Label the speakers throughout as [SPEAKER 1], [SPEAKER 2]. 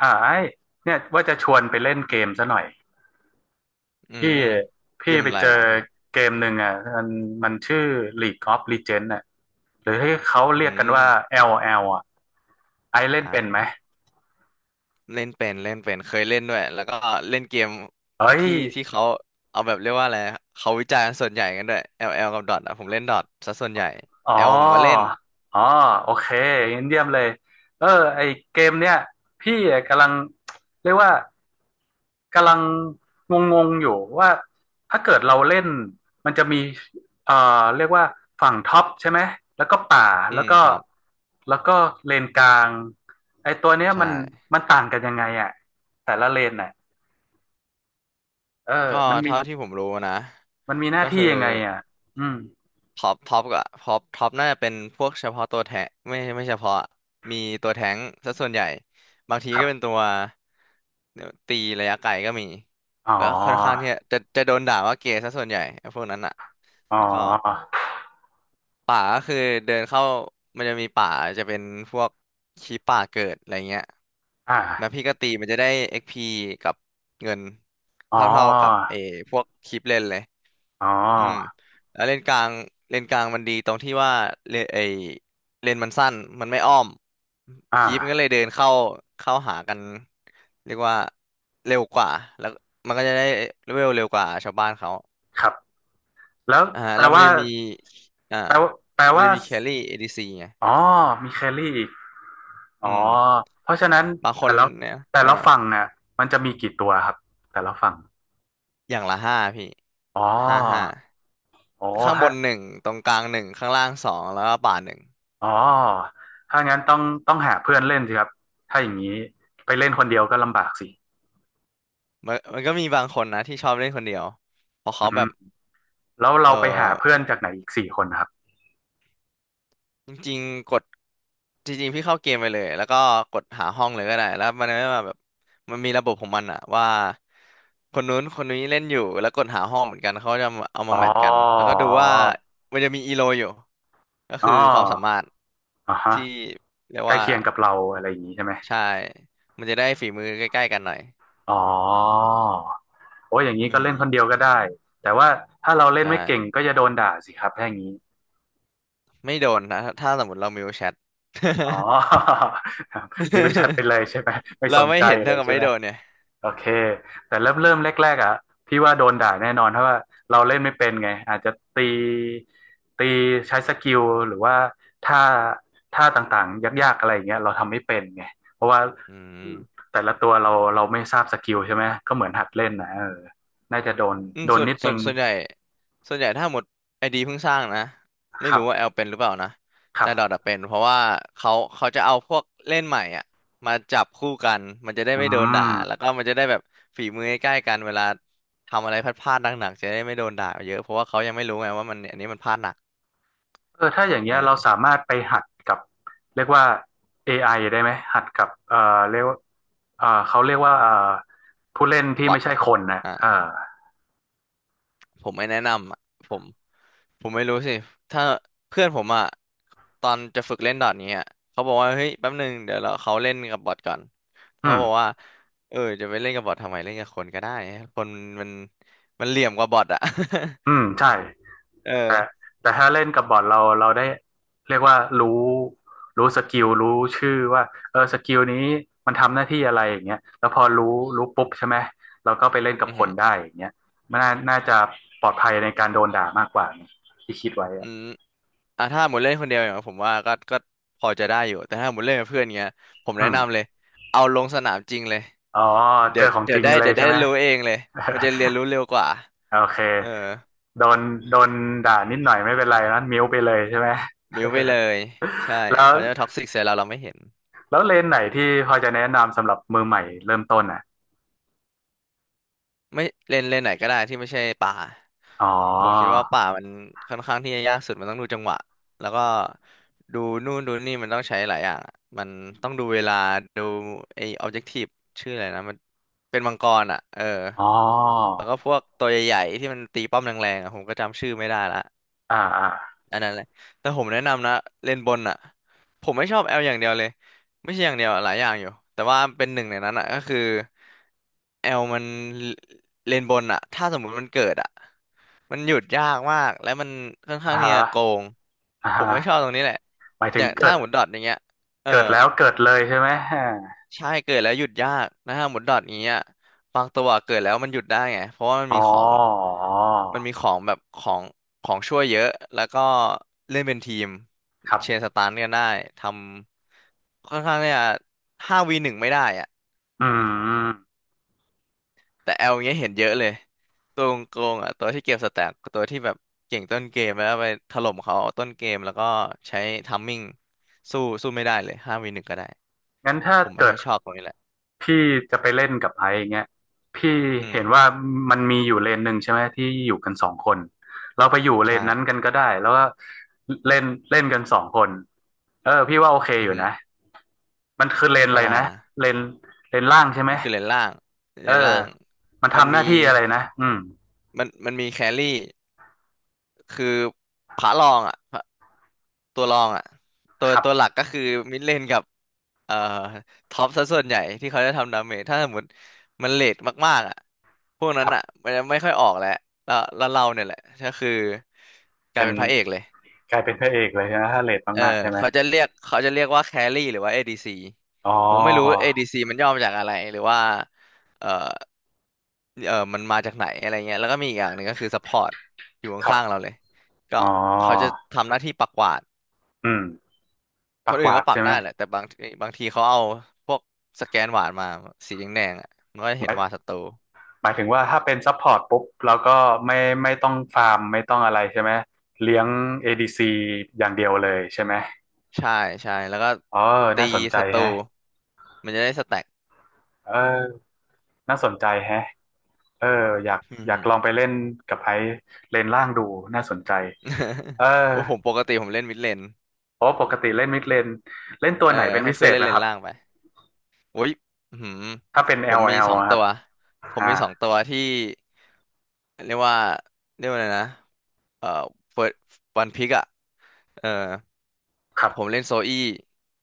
[SPEAKER 1] ไอ้เนี่ยว่าจะชวนไปเล่นเกมซะหน่อย
[SPEAKER 2] อื
[SPEAKER 1] พี่
[SPEAKER 2] มเก
[SPEAKER 1] พี่
[SPEAKER 2] ม
[SPEAKER 1] ไป
[SPEAKER 2] อะไร
[SPEAKER 1] เจอ
[SPEAKER 2] อ่ะพี่
[SPEAKER 1] เกมหนึ่งอ่ะมันมันชื่อ League of Legends อ่ะหรือที่เขา
[SPEAKER 2] อื
[SPEAKER 1] เรียกกันว่า
[SPEAKER 2] ม
[SPEAKER 1] แอลแอลอ่ะไอ้เล่น
[SPEAKER 2] อ่
[SPEAKER 1] เป็นไหม
[SPEAKER 2] าเล่นเป็นเคยเล่นด้วยแล้วก็เล่นเกม
[SPEAKER 1] เฮ้ย
[SPEAKER 2] ที่ที่เขาเอาแบบเรียกว่าอะไรเขาวิจารณ์ส่วนใหญ่กันด้วย l ลแอลกับดอทอ่ะผมเล่นดอทซะส่วนใหญ่
[SPEAKER 1] อ๋อ
[SPEAKER 2] L ผมก็เล่น
[SPEAKER 1] อ๋อโอเคงั้นเยี่ยมเลยเออไอเกมเนี่ยพี่กำลังเรียกว่ากำลังงงๆอยู่ว่าถ้าเกิดเราเล่นมันจะมีเอ่อเรียกว่าฝั่งท็อปใช่ไหมแล้วก็ป่า
[SPEAKER 2] อื
[SPEAKER 1] แล้ว
[SPEAKER 2] ม
[SPEAKER 1] ก็
[SPEAKER 2] ครับ
[SPEAKER 1] แล้วก็เลนกลางไอตัวเนี้ย
[SPEAKER 2] ใช่
[SPEAKER 1] มันมันต่างกันยังไงอ่ะแต่ละเลนน่ะเออ
[SPEAKER 2] ก็
[SPEAKER 1] มันมี
[SPEAKER 2] เท่าที่ผมรู้นะ
[SPEAKER 1] มันมีหน้า
[SPEAKER 2] ก็
[SPEAKER 1] ที่
[SPEAKER 2] คือ
[SPEAKER 1] ยังไงอ่ะอืม
[SPEAKER 2] ท็อปท็อปก็ท็อปท็อปน่าจะเป็นพวกเฉพาะตัวแทงไม่เฉพาะมีตัวแท้งซะส่วนใหญ่บางที
[SPEAKER 1] ครั
[SPEAKER 2] ก็เป็นตั
[SPEAKER 1] บ
[SPEAKER 2] วตีระยะไกลก็มี
[SPEAKER 1] อ๋อ
[SPEAKER 2] ก็ค่อนข้างที่จะโดนด่าว่าเกย์ซะส่วนใหญ่ไอ้พวกนั้นอ่ะ
[SPEAKER 1] อ๋
[SPEAKER 2] แล้วก็
[SPEAKER 1] อ
[SPEAKER 2] ป่าก็คือเดินเข้ามันจะมีป่าจะเป็นพวกขี้ป่าเกิดอะไรเงี้ย
[SPEAKER 1] อ
[SPEAKER 2] แล้ว
[SPEAKER 1] ่า
[SPEAKER 2] พี่ก็ตีมันจะได้ XP กซ์พีกับเงิน
[SPEAKER 1] อ๋
[SPEAKER 2] เท่าๆกับ
[SPEAKER 1] อ
[SPEAKER 2] เออพวกคลิปเล่นเลย
[SPEAKER 1] อ๋
[SPEAKER 2] อืม
[SPEAKER 1] อ
[SPEAKER 2] แล้วเลนกลางเลนกลางมันดีตรงที่ว่าเลนไอเลนมันสั้นมันไม่อ้อม
[SPEAKER 1] อ่
[SPEAKER 2] คีปมันก็เลย
[SPEAKER 1] า
[SPEAKER 2] เดินเข้าเข้าหากันเรียกว่าเร็วกว่าแล้วมันก็จะได้เลเวลเร็วกว่าชาวบ้านเขา
[SPEAKER 1] ครับแล้ว
[SPEAKER 2] อ่า
[SPEAKER 1] แปล
[SPEAKER 2] แล้วมัน
[SPEAKER 1] ว่า
[SPEAKER 2] จะมีอ่า
[SPEAKER 1] แปลว่าแปล
[SPEAKER 2] มัน
[SPEAKER 1] ว่า
[SPEAKER 2] จะมีแครี่เอดีซีไง
[SPEAKER 1] อ๋อมีแครี่อีกอ๋อ
[SPEAKER 2] อืม
[SPEAKER 1] เพราะฉะนั้น
[SPEAKER 2] บางค
[SPEAKER 1] แต่
[SPEAKER 2] น
[SPEAKER 1] ละ
[SPEAKER 2] เนี่ย
[SPEAKER 1] แต่
[SPEAKER 2] อ่า
[SPEAKER 1] ละฝั่งน่ะมันจะมีกี่ตัวครับแต่ละฝั่ง
[SPEAKER 2] อย่างละห้าพี่
[SPEAKER 1] อ๋อ
[SPEAKER 2] ห้า
[SPEAKER 1] อ๋อ
[SPEAKER 2] ข้างบ
[SPEAKER 1] ฮะ
[SPEAKER 2] นหนึ่งตรงกลางหนึ่งข้างล่างสองแล้วก็ป่าหนึ่ง
[SPEAKER 1] อ๋อถ้างั้นต้องหาเพื่อนเล่นสิครับถ้าอย่างนี้ไปเล่นคนเดียวก็ลำบากสิ
[SPEAKER 2] มันก็มีบางคนนะที่ชอบเล่นคนเดียวเพราะ
[SPEAKER 1] อื
[SPEAKER 2] เขาแบ
[SPEAKER 1] ม
[SPEAKER 2] บ
[SPEAKER 1] แล้ว
[SPEAKER 2] เอ
[SPEAKER 1] เรา
[SPEAKER 2] อ
[SPEAKER 1] ไปหาเพื่อนจากไหนอีกสี่คนครับ
[SPEAKER 2] จริงๆกดจริงๆพี่เข้าเกมไปเลยแล้วก็กดหาห้องเลยก็ได้แล้วมันไม่มาแบบมันมีระบบของมันอะว่าคนนู้นคนนี้เล่นอยู่แล้วกดหาห้องเหมือนกันเขาจะเอามา
[SPEAKER 1] อ๋อ
[SPEAKER 2] แมทกันแล้วก็ดูว่ามันจะมีอีโลอยู่ก็
[SPEAKER 1] อ๋อ
[SPEAKER 2] คือความสามารถ
[SPEAKER 1] อ๋อฮะ
[SPEAKER 2] ที่เรียก
[SPEAKER 1] ใกล้
[SPEAKER 2] ว่า
[SPEAKER 1] เคียงกับเราอะไรอย่างนี้ใช่ไหม
[SPEAKER 2] ใช่มันจะได้ฝีมือใกล้ๆกันหน่อย
[SPEAKER 1] อ๋อโอ้ยอย่างนี้ก็
[SPEAKER 2] อืม
[SPEAKER 1] เล่นคนเดียวก็ได้แต่ว่าถ้าเรา
[SPEAKER 2] ใ
[SPEAKER 1] เล่นไม่เก่ง
[SPEAKER 2] ช่
[SPEAKER 1] ก็จะโดนด่าสิครับถ้าอย่างนี้
[SPEAKER 2] ไม่โดนนะถ้าสมมติเรามิวแชท
[SPEAKER 1] อ๋อ มิวชัดไปเลยใช่ไหมไม่ส
[SPEAKER 2] เรา
[SPEAKER 1] น
[SPEAKER 2] ไม่
[SPEAKER 1] ใจ
[SPEAKER 2] เห็น
[SPEAKER 1] เล
[SPEAKER 2] เท่า
[SPEAKER 1] ย
[SPEAKER 2] กับ
[SPEAKER 1] ใช่
[SPEAKER 2] ไม่
[SPEAKER 1] ไหม
[SPEAKER 2] โดนเนี่ย
[SPEAKER 1] โอเคแต่เริ่มแรกๆอ่ะพี่ว่าโดนด่าแน่นอนเพราะว่าเราเล่นไม่เป็นไงอาจจะตีใช้สกิลหรือว่าท่าท่าต่างๆยากๆอะไรอย่างเงี้ยเราทำไม่เป็นไงเพราะว่า
[SPEAKER 2] อืม
[SPEAKER 1] แต่ละตัวเราไม่ทราบสกิลใช่ไหมก็เหมือนหัดเล่นนะเออน่าจะโดน
[SPEAKER 2] อืมส่วน
[SPEAKER 1] นิด
[SPEAKER 2] ส่
[SPEAKER 1] นึ
[SPEAKER 2] วน
[SPEAKER 1] ง
[SPEAKER 2] ส่วนใหญ่ส่วนใหญ่ถ้าหมดไอดีเพิ่งสร้างนะ
[SPEAKER 1] ค
[SPEAKER 2] ไม่
[SPEAKER 1] รับ
[SPEAKER 2] รู้ว่าแอลเป็นหรือเปล่านะ
[SPEAKER 1] ครั
[SPEAKER 2] แต่ดอท
[SPEAKER 1] บ
[SPEAKER 2] อะเป็นเพราะว่าเขาเขาจะเอาพวกเล่นใหม่อ่ะมาจับคู่กันมันจะได้
[SPEAKER 1] อื
[SPEAKER 2] ไม่โดนด่า
[SPEAKER 1] ม
[SPEAKER 2] แล้วก็มันจะได้แบบฝีมือใกล้ๆกันเวลาทำอะไรพลาดๆหนักๆจะได้ไม่โดนด่าเยอะเพราะว่าเขายังไม่รู้ไงว่ามันอันนี้มันพลาดหนัก
[SPEAKER 1] เออถ้าอย่างเงี้ยเรา
[SPEAKER 2] เออ
[SPEAKER 1] สามารถไปหัดกับเรียกว่า AI ไอได้ไหมหัดกับ เรียกว่าเขาเรียกว่าผู้เล่นที่
[SPEAKER 2] บอ
[SPEAKER 1] ไม่
[SPEAKER 2] ท
[SPEAKER 1] ใช่คนนะ
[SPEAKER 2] อ่ะ
[SPEAKER 1] เออ
[SPEAKER 2] ผมไม่แนะนำอ่ะผม ผมไม่รู้สิถ้าเพื่อนผมอ่ะตอนจะฝึกเล่นดอทนี้อะเขาบอกว่าเฮ้ยแป๊บหนึ่งเดี๋ยวเราเขาเล่นกับบอทก่อน
[SPEAKER 1] อื
[SPEAKER 2] เขา
[SPEAKER 1] ม
[SPEAKER 2] บอกว่าเออจะไปเล่นกับบอททำไมเล่นกับคนก็ได้คนมันมันเหลี่ยมกว่าบอทอ่ะ
[SPEAKER 1] อืม ใช่ แต่
[SPEAKER 2] เออ
[SPEAKER 1] แต่ถ้าเล่นกับบอทเราได้เรียกว่ารู้รู้สกิลรู้ชื่อว่าเออสกิลนี้มันทำหน้าที่อะไรอย่างเงี้ยแล้วพอรู้รู้ปุ๊บใช่ไหม เราก็ไปเล่นกับ
[SPEAKER 2] อือ
[SPEAKER 1] ค
[SPEAKER 2] หื
[SPEAKER 1] น
[SPEAKER 2] อ
[SPEAKER 1] ได้อย่างเงี้ยมันน่าจะปลอดภัยในการโดนด่ามากกว่าที่คิดไว้
[SPEAKER 2] อื
[SPEAKER 1] อะ
[SPEAKER 2] มอ่ะถ้าหมดเล่นคนเดียวอย่างผมว่าก็พอจะได้อยู่แต่ถ้าหมดเล่นกับเพื่อนเงี้ยผมแนะ
[SPEAKER 1] อืม
[SPEAKER 2] นำเลยเอาลงสนามจริงเลย
[SPEAKER 1] อ๋อเจอของจริงเลย
[SPEAKER 2] เดี๋ยว
[SPEAKER 1] ใช่
[SPEAKER 2] ได้
[SPEAKER 1] ไหม
[SPEAKER 2] รู้เองเลยมันจะเรียน รู้เร็วกว่า
[SPEAKER 1] โอเค
[SPEAKER 2] เออ
[SPEAKER 1] โดนโดนด่านิดหน่อยไม่เป็นไรนะมิวไปเลยใช่ไหม
[SPEAKER 2] มิวไปเลยใช่
[SPEAKER 1] แล้ว
[SPEAKER 2] เขาจะท็อกซิกใส่เราเราไม่เห็น
[SPEAKER 1] แล้วเลนไหนที่พอจะแนะนำสำหรับมือใหม่เริ่มต้นอ่ะ
[SPEAKER 2] ไม่เลนไหนก็ได้ที่ไม่ใช่ป่า
[SPEAKER 1] อ๋อ
[SPEAKER 2] ผมคิดว่าป่ามันค่อนข้างที่จะยากสุดมันต้องดูจังหวะแล้ว
[SPEAKER 1] อื
[SPEAKER 2] ก็
[SPEAKER 1] ม
[SPEAKER 2] ดูนู่นดูนี่มันต้องใช้หลายอย่างอะมันต้องดูเวลาดูไอ้ออบเจกทีฟชื่ออะไรนะมันเป็นมังกรอ่ะเออ
[SPEAKER 1] อ๋อ
[SPEAKER 2] แล้วก็พวกตัวใหญ่ๆที่มันตีป้อมแรงๆอ่ะผมก็จำชื่อไม่ได้ละ
[SPEAKER 1] อ่าอ่า
[SPEAKER 2] อันนั้นแหละแต่ผมแนะนำนะเลนบนอ่ะผมไม่ชอบแอลอย่างเดียวเลยไม่ใช่อย่างเดียวอะหลายอย่างอยู่แต่ว่าเป็นหนึ่งในนั้นอ่ะก็คือ แอลมันเลนบนอะถ้าสมมุติมันเกิดอะมันหยุดยากมาก และมันค่อน
[SPEAKER 1] อ่า
[SPEAKER 2] ข้างที่
[SPEAKER 1] ฮะ
[SPEAKER 2] จะโกง
[SPEAKER 1] อ่า
[SPEAKER 2] ผ
[SPEAKER 1] ฮะ
[SPEAKER 2] มไม่ชอบตรงนี้แหละ
[SPEAKER 1] หมาย
[SPEAKER 2] อ
[SPEAKER 1] ถึง
[SPEAKER 2] ย่าง
[SPEAKER 1] เกิ
[SPEAKER 2] ถ้า
[SPEAKER 1] ด
[SPEAKER 2] หมุนดอทอย่างเงี้ยเออ
[SPEAKER 1] เกิดแล้วเกิดเลยใช่ไหมอ่า
[SPEAKER 2] ใช่เกิดแล้วหยุดยากนะฮะาหมุนดอทอย่างเงี้ยบางตัวเกิดแล้วมันหยุดได้ไงเพราะว่ามัน
[SPEAKER 1] อ๋อ
[SPEAKER 2] มีของมันมีของแบบของของช่วยเยอะแล้วก็เล่นเป็นทีม
[SPEAKER 1] ครั
[SPEAKER 2] เชน
[SPEAKER 1] บ
[SPEAKER 2] สตาร์กันได้ ทำค่อนข้างเนี่ยห้าวีหนึ่งไม่ได้อ่ะ
[SPEAKER 1] อืม
[SPEAKER 2] แต่แอลเงี้ยเห็นเยอะเลยตัวโกงๆอ่ะตัวที่เก็บสแต็กตัวที่แบบเก่งต้นเกมแล้วไปถล่มเขาต้นเกมแล้วก็ใช้ทัมมิ่งสู้ไม่ได้เลยห้าวีหนึ่งก็ได้
[SPEAKER 1] งั้นถ้า
[SPEAKER 2] ผมไม่
[SPEAKER 1] เกิ
[SPEAKER 2] ค่
[SPEAKER 1] ด
[SPEAKER 2] อยชอบตรงนี้แหละ
[SPEAKER 1] พี่จะไปเล่นกับไอซ์เงี้ยพี่
[SPEAKER 2] อืม
[SPEAKER 1] เห็นว่ามันมีอยู่เลนหนึ่งใช่ไหมที่อยู่กันสองคนเราไปอยู่เลน
[SPEAKER 2] ใช่
[SPEAKER 1] นั้นกันก็ได้แล้วก็เล่นเล่นกันสองคนเออพี่ว่าโอเค
[SPEAKER 2] อื
[SPEAKER 1] อ
[SPEAKER 2] อ
[SPEAKER 1] ยู่
[SPEAKER 2] ฮึ
[SPEAKER 1] นะมันคือเลนอะ
[SPEAKER 2] ก็
[SPEAKER 1] ไร
[SPEAKER 2] ได้
[SPEAKER 1] นะ
[SPEAKER 2] นะ
[SPEAKER 1] เลนเลนล่างใช่ไหม
[SPEAKER 2] มันคือเลนล่างเล
[SPEAKER 1] เอ
[SPEAKER 2] น
[SPEAKER 1] อ
[SPEAKER 2] ล่าง
[SPEAKER 1] มัน
[SPEAKER 2] มัน
[SPEAKER 1] ทำห
[SPEAKER 2] มี
[SPEAKER 1] น้าที่อะไรนะอืม
[SPEAKER 2] มันมีแครี่ คือพระรองอ่ะพระตัวรองอ่ะตัว
[SPEAKER 1] ครั
[SPEAKER 2] ตัว
[SPEAKER 1] บ
[SPEAKER 2] หลักก็คือมิดเลนกับเอ่อท็อปซะส่วนใหญ่ที่เขาจะทำดาเมจถ้าสมมติมันเลทมากๆอ่ะพวก
[SPEAKER 1] ค
[SPEAKER 2] นั้น
[SPEAKER 1] รั
[SPEAKER 2] อ่ะ
[SPEAKER 1] บ
[SPEAKER 2] มันจะไม่ค่อยออกแล้วเราเนี่ยแหละก็คือกลา
[SPEAKER 1] เป็
[SPEAKER 2] ย
[SPEAKER 1] น
[SPEAKER 2] เป็นพระเอกเลย
[SPEAKER 1] กลายเป็นพระเอกเลยนะถ้าเลท
[SPEAKER 2] เออ
[SPEAKER 1] มากๆใช่ไหม
[SPEAKER 2] เขาจะเรียกเขาจะเรียกว่าแครี่หรือว่า ADC
[SPEAKER 1] อ๋อ
[SPEAKER 2] ผมไม่รู้ ADC มันย่อมาจากอะไรหรือว่าเออมันมาจากไหนอะไรเงี้ยแล้วก็มีอีกอย่างหนึ่งก็คือ support อร์ตอยู่
[SPEAKER 1] ครั
[SPEAKER 2] ข้างๆเรา
[SPEAKER 1] บ
[SPEAKER 2] เลยก็
[SPEAKER 1] อ๋อ
[SPEAKER 2] เขาจะทำหน้าที่ปักหวาด
[SPEAKER 1] อืม
[SPEAKER 2] ค
[SPEAKER 1] ปา
[SPEAKER 2] น
[SPEAKER 1] กห
[SPEAKER 2] อื่น
[SPEAKER 1] วา
[SPEAKER 2] ก็
[SPEAKER 1] ด
[SPEAKER 2] ปัก
[SPEAKER 1] ใช่ไหม
[SPEAKER 2] ได้แหละแต่บางทีเขาเอาพวกสแกนหวาดมาสีแดงๆอ่ะมันก็จะ
[SPEAKER 1] ห
[SPEAKER 2] เห็น
[SPEAKER 1] มาย
[SPEAKER 2] หวาดศัตรู
[SPEAKER 1] หมายถึงว่าถ้าเป็นซัพพอร์ตปุ๊บเราก็ไม่ไม่ต้องฟาร์มไม่ต้องอะไรใช่ไหมเลี้ยง ADC อดีซีอย่างเดียวเลยใช่ไหม
[SPEAKER 2] ใช่ใช่แล้วก็
[SPEAKER 1] อ๋อ
[SPEAKER 2] ตี
[SPEAKER 1] น่าสนใจ
[SPEAKER 2] ศัตรู
[SPEAKER 1] แฮะ
[SPEAKER 2] มันจะได้สแต็ก
[SPEAKER 1] เออน่าสนใจแฮะเอออยาก
[SPEAKER 2] อืม
[SPEAKER 1] อยา
[SPEAKER 2] ฮึ
[SPEAKER 1] กลองไปเล่นกับไอซ์เลนล่างดูน่าสนใจเอ อ
[SPEAKER 2] ว่า ผมปกติผมเล่นมิดเลน
[SPEAKER 1] โอ้ปกติเล่นมิดเลนเล่นตั
[SPEAKER 2] เอ
[SPEAKER 1] ว
[SPEAKER 2] อ
[SPEAKER 1] ไหนเป็น
[SPEAKER 2] ให้
[SPEAKER 1] พิเศ
[SPEAKER 2] เพื่อน
[SPEAKER 1] ษ
[SPEAKER 2] เล่
[SPEAKER 1] ไห
[SPEAKER 2] น
[SPEAKER 1] ม
[SPEAKER 2] เล
[SPEAKER 1] ค
[SPEAKER 2] น
[SPEAKER 1] รับ
[SPEAKER 2] ล่างไป อุ้ยอื้อหือ
[SPEAKER 1] ถ้าเป็น
[SPEAKER 2] ผมมี
[SPEAKER 1] LL
[SPEAKER 2] สอง
[SPEAKER 1] อลแอลอะครั
[SPEAKER 2] ตั
[SPEAKER 1] บ
[SPEAKER 2] ว ผม
[SPEAKER 1] อ่า
[SPEAKER 2] มีสองตัวที่เรียกว่าเรียกว่าอะไรนะเอ่อเฟิร์วันพิกอ่ะ เออ
[SPEAKER 1] ครับ
[SPEAKER 2] ผมเล่นโซอี้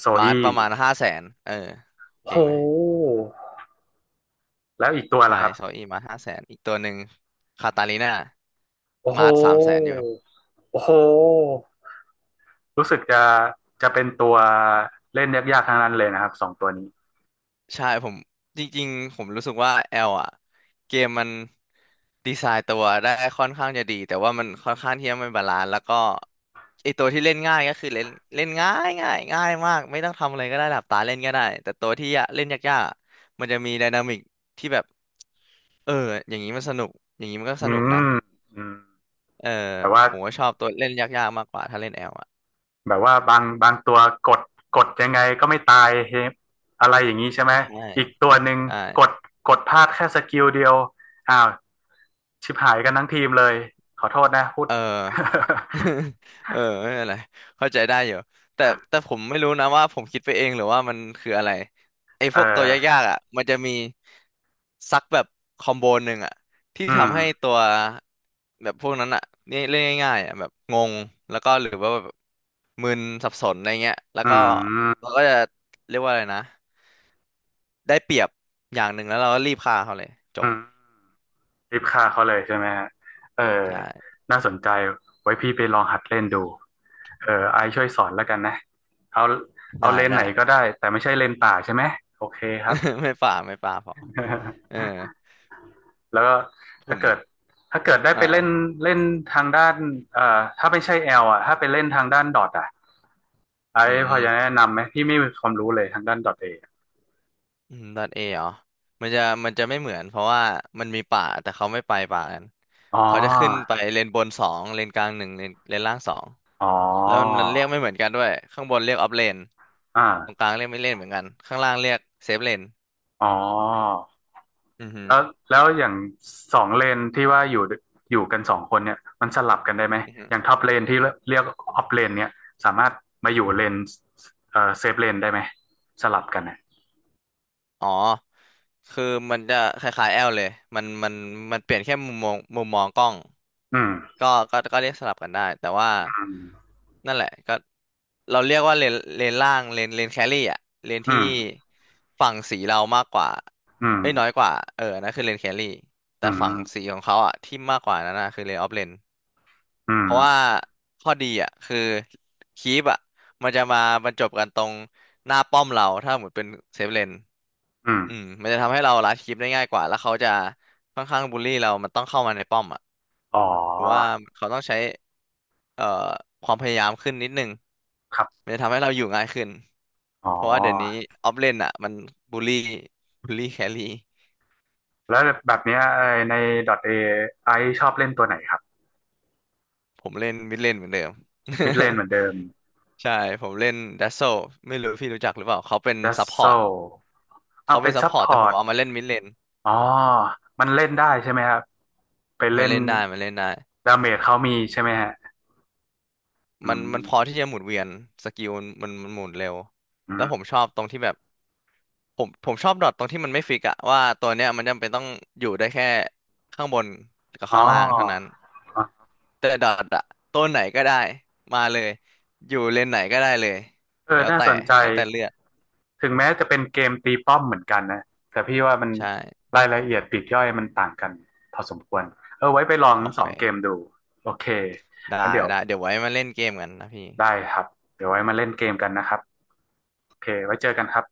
[SPEAKER 1] โซ
[SPEAKER 2] มา
[SPEAKER 1] อี้
[SPEAKER 2] ร์ทประมาณห้าแสนเออ
[SPEAKER 1] โห
[SPEAKER 2] เก่งไหม
[SPEAKER 1] แล้วอีกตัว
[SPEAKER 2] ใช่
[SPEAKER 1] ล่ะครับ
[SPEAKER 2] โซอี้มาร์ท500,000อีกตัวหนึ่งคาตาลิน่า
[SPEAKER 1] โอ้โห
[SPEAKER 2] มาร์ท300,000อยู่
[SPEAKER 1] โอ้โห รู้สึกจะเป็นตัวเล่นยากๆทั้งนั้นเลยนะครับสองตัวนี้
[SPEAKER 2] ใช่ผมจริงๆผมรู้สึกว่าแอลอ่ะเกมมันดีไซน์ตัวได้ค่อนข้างจะดีแต่ว่ามันค่อนข้างที่จะไม่บาลานซ์แล้วก็ไอตัวที่เล่นง่ายก็คือเล่นเล่นง่ายง่ายง่ายมากไม่ต้องทำอะไรก็ได้หลับตาเล่นก็ได้แต่ตัวที่ยะเล่นยากๆอะมันจะมีไดนามิกที่แบบเอออย่างนี้มันสนุกอย่างนี้มันก็
[SPEAKER 1] อื
[SPEAKER 2] สนุกนะ
[SPEAKER 1] มอืม
[SPEAKER 2] เออ
[SPEAKER 1] แบบว่า
[SPEAKER 2] ผมก็ชอบตัวเล่นยากๆมากกว่าถ้าเล่นแอลอ่ะ
[SPEAKER 1] แบบว่าบางตัวกดกดยังไงก็ไม่ตายเฮอะไรอย่างนี้ใช่ไหม
[SPEAKER 2] ใช่
[SPEAKER 1] อีกตัวหนึ่ง
[SPEAKER 2] ใช่
[SPEAKER 1] กดกดพลาดแค่สกิลเดียวอ้าวชิบหายกันทั้งทีมเลยขอโทษนะพูด
[SPEAKER 2] เออ เออไม่เป็นไรเข้าใจได้อยู่แต่แต่ผมไม่รู้นะว่าผมคิดไปเองหรือว่ามันคืออะไรไอ้พ
[SPEAKER 1] เอ
[SPEAKER 2] วกตัว
[SPEAKER 1] อ
[SPEAKER 2] ยากๆอ่ะมันจะมีซักแบบคอมโบหนึ่งอ่ะที่
[SPEAKER 1] อืม
[SPEAKER 2] ทำให้ตัวแบบพวกนั้นอ่ะนี่เล่นง่ายๆอ่ะแบบงงแล้วก็หรือว่าแบบมึนสับสนอะไรเงี้ยแล้ว
[SPEAKER 1] อื
[SPEAKER 2] ก็เรา
[SPEAKER 1] ม
[SPEAKER 2] ก็จะเรียกว่าอะไรนะได้เปรียบอย่างหนึ่งแล้วเราก็รีบฆ่าเขาเลยจ
[SPEAKER 1] อื
[SPEAKER 2] บ
[SPEAKER 1] ม รีบฆ่าเขาเลยใช่ไหมฮะเออ
[SPEAKER 2] ใช่
[SPEAKER 1] น่าสนใจไว้พี่ไปลองหัดเล่นดูเออไอซ์ช่วยสอนแล้วกันนะเอาเอา
[SPEAKER 2] ได้
[SPEAKER 1] เลนส์ไหน
[SPEAKER 2] ได้
[SPEAKER 1] ก็ได้แต่ไม่ใช่เลนส์ป่าใช่ไหมโอเคครับ
[SPEAKER 2] ไม่ฝ่าไม่ฝ่าพอเออ
[SPEAKER 1] แล้วก็
[SPEAKER 2] ผ
[SPEAKER 1] ถ้า
[SPEAKER 2] ม
[SPEAKER 1] เกิดถ้าเกิดได้ไป
[SPEAKER 2] อ่า
[SPEAKER 1] เล่นเล่นทางด้านเอ่อถ้าไม่ใช่แอลอ่ะถ้าไปเล่นทางด้านดอทอ่ะไอ
[SPEAKER 2] อื
[SPEAKER 1] ซ์พ
[SPEAKER 2] ม
[SPEAKER 1] อจะแนะนำไหมพี่ไม่มีความรู้เลยทางด้านดอทเอ
[SPEAKER 2] อืมดอทเอเหรอมันจะมันจะไม่เหมือนเพราะว่ามันมีป่าแต่เขาไม่ไปป่ากัน
[SPEAKER 1] อ๋อ
[SPEAKER 2] เขาจะขึ้นไปเลนบนสองเลนกลางหนึ่งเลนเลนล่างสอง
[SPEAKER 1] อ๋อ
[SPEAKER 2] แล้วมันเรียกไม่เหมือนกันด้วยข้างบนเรียกออฟเลน
[SPEAKER 1] อ่า
[SPEAKER 2] ตรงกลางเรียกไม่เลนเหมือนกันข้างล่างเรียกเซฟเลน
[SPEAKER 1] อ๋อ
[SPEAKER 2] อือฮ
[SPEAKER 1] แล้วแล้วอย่างสองเลนที่ว่าอยู่กันสองคนเนี่ยมันสลับกันได้ไหม
[SPEAKER 2] ึ
[SPEAKER 1] อย่างท็อปเลนที่เรียกออฟเลนเนี่ยสามารถมาอยู่เลนเซฟเลนได้ไหมสลับกันเนี่ย
[SPEAKER 2] อ๋อคือมันจะคล้ายๆแอลเลยมันมันมันเปลี่ยนแค่มุมมองมุมมองกล้อง
[SPEAKER 1] อืม
[SPEAKER 2] ก็ก็เรียกสลับกันได้ แต่ว่านั่นแหละก็เราเรียกว่าเลนล่างเลนแครี่อะเลน
[SPEAKER 1] อื
[SPEAKER 2] ที่
[SPEAKER 1] ม
[SPEAKER 2] ฝั่งสีเรามากกว่า
[SPEAKER 1] อืม
[SPEAKER 2] เอ้ยน้อยกว่าเออนั่นคือเลนแครี่
[SPEAKER 1] อื
[SPEAKER 2] แต่
[SPEAKER 1] ม
[SPEAKER 2] ฝั่งสีของเขาอะที่มากกว่านั้นนะคือเลนออฟเลน
[SPEAKER 1] อื
[SPEAKER 2] เพ
[SPEAKER 1] ม
[SPEAKER 2] ราะ
[SPEAKER 1] อื
[SPEAKER 2] ว่า
[SPEAKER 1] ม
[SPEAKER 2] ข้อดีอ่ะคือคีปอ่ะมันจะมาบรรจบกันตรงหน้าป้อมเราถ้าหมดเป็นเซฟเลน
[SPEAKER 1] อืม
[SPEAKER 2] อืมมันจะทำให้เราลัดคลิปได้ง่ายกว่าแล้วเขาจะค่อนข้างบูลลี่เรามันต้องเข้ามาในป้อมอ่ะ
[SPEAKER 1] อ๋อ
[SPEAKER 2] ถือว่าเขาต้องใช้เอ่อความพยายามขึ้นนิดนึง
[SPEAKER 1] ครั
[SPEAKER 2] มั
[SPEAKER 1] บ
[SPEAKER 2] นจะทำให้เราอยู่ง่ายขึ้น
[SPEAKER 1] อ๋อ
[SPEAKER 2] เพราะว่าเดี๋ยวนี้ออฟเลนอ่ะมันบูลลี่บูลลี่แครี่
[SPEAKER 1] แล้วแบบเนี้ยไอ้ใน .A ไอชอบเล่นตัวไหนครับ
[SPEAKER 2] ผมเล่นมิดเลนเหมือนเดิม
[SPEAKER 1] มิดเลนเหมือนเดิม
[SPEAKER 2] ใช่ผมเล่นดัสโซไม่รู้พี่รู้จักหรือเปล่าเขาเป็น
[SPEAKER 1] ดัส
[SPEAKER 2] ซัพพ
[SPEAKER 1] โซ
[SPEAKER 2] อร์ต
[SPEAKER 1] เอา
[SPEAKER 2] เขาเป็
[SPEAKER 1] เป็
[SPEAKER 2] น
[SPEAKER 1] น
[SPEAKER 2] ซัพ
[SPEAKER 1] ซัพ
[SPEAKER 2] พอ
[SPEAKER 1] พ
[SPEAKER 2] ร์ตแต่
[SPEAKER 1] อ
[SPEAKER 2] ผม
[SPEAKER 1] ร์ต
[SPEAKER 2] เอามาเล่นมิดเลน
[SPEAKER 1] อ๋อมันเล่นได้ใช่ไหมครับไป
[SPEAKER 2] มั
[SPEAKER 1] เล่
[SPEAKER 2] น
[SPEAKER 1] น
[SPEAKER 2] เล่นได้มันเล่นได้
[SPEAKER 1] ดาเมจเขามีใช่ไหมฮะอื
[SPEAKER 2] มันพอ
[SPEAKER 1] ม
[SPEAKER 2] ที่จะหมุนเวียนสกิลมันหมุนเร็ว
[SPEAKER 1] อื
[SPEAKER 2] แล้
[SPEAKER 1] ม
[SPEAKER 2] วผมชอบตรงที่แบบผมชอบดอทตรงที่มันไม่ฟิกอะว่าตัวเนี้ยมันจำเป็นต้องอยู่ได้แค่ข้างบนกับ
[SPEAKER 1] อ๋อ
[SPEAKER 2] ข้างล่างเท่านั้นแต่ดอทอะตัวไหนก็ได้มาเลยอยู่เลนไหนก็ได้เลย
[SPEAKER 1] เออ
[SPEAKER 2] แล้ว
[SPEAKER 1] น่า
[SPEAKER 2] แต่
[SPEAKER 1] สนใจ
[SPEAKER 2] แล้วแต่เลือก
[SPEAKER 1] ถึงแม้จะเป็นเกมตีป้อมเหมือนกันนะแต่พี่ว่ามัน
[SPEAKER 2] ใช่
[SPEAKER 1] รายละเอียดปลีกย่อยมันต่างกันพอสมควร เออไว้ไปลอง
[SPEAKER 2] โอ
[SPEAKER 1] งส
[SPEAKER 2] เค
[SPEAKER 1] องเกมดู โอเคงั้น
[SPEAKER 2] ได้
[SPEAKER 1] เดี๋ยว
[SPEAKER 2] ได้เดี๋ยวไว้มาเล่นเกมกันนะพี่
[SPEAKER 1] ได้ครับเดี๋ยวไว้มาเล่นเกมกันนะครับโอเคไว้เจอกันครับ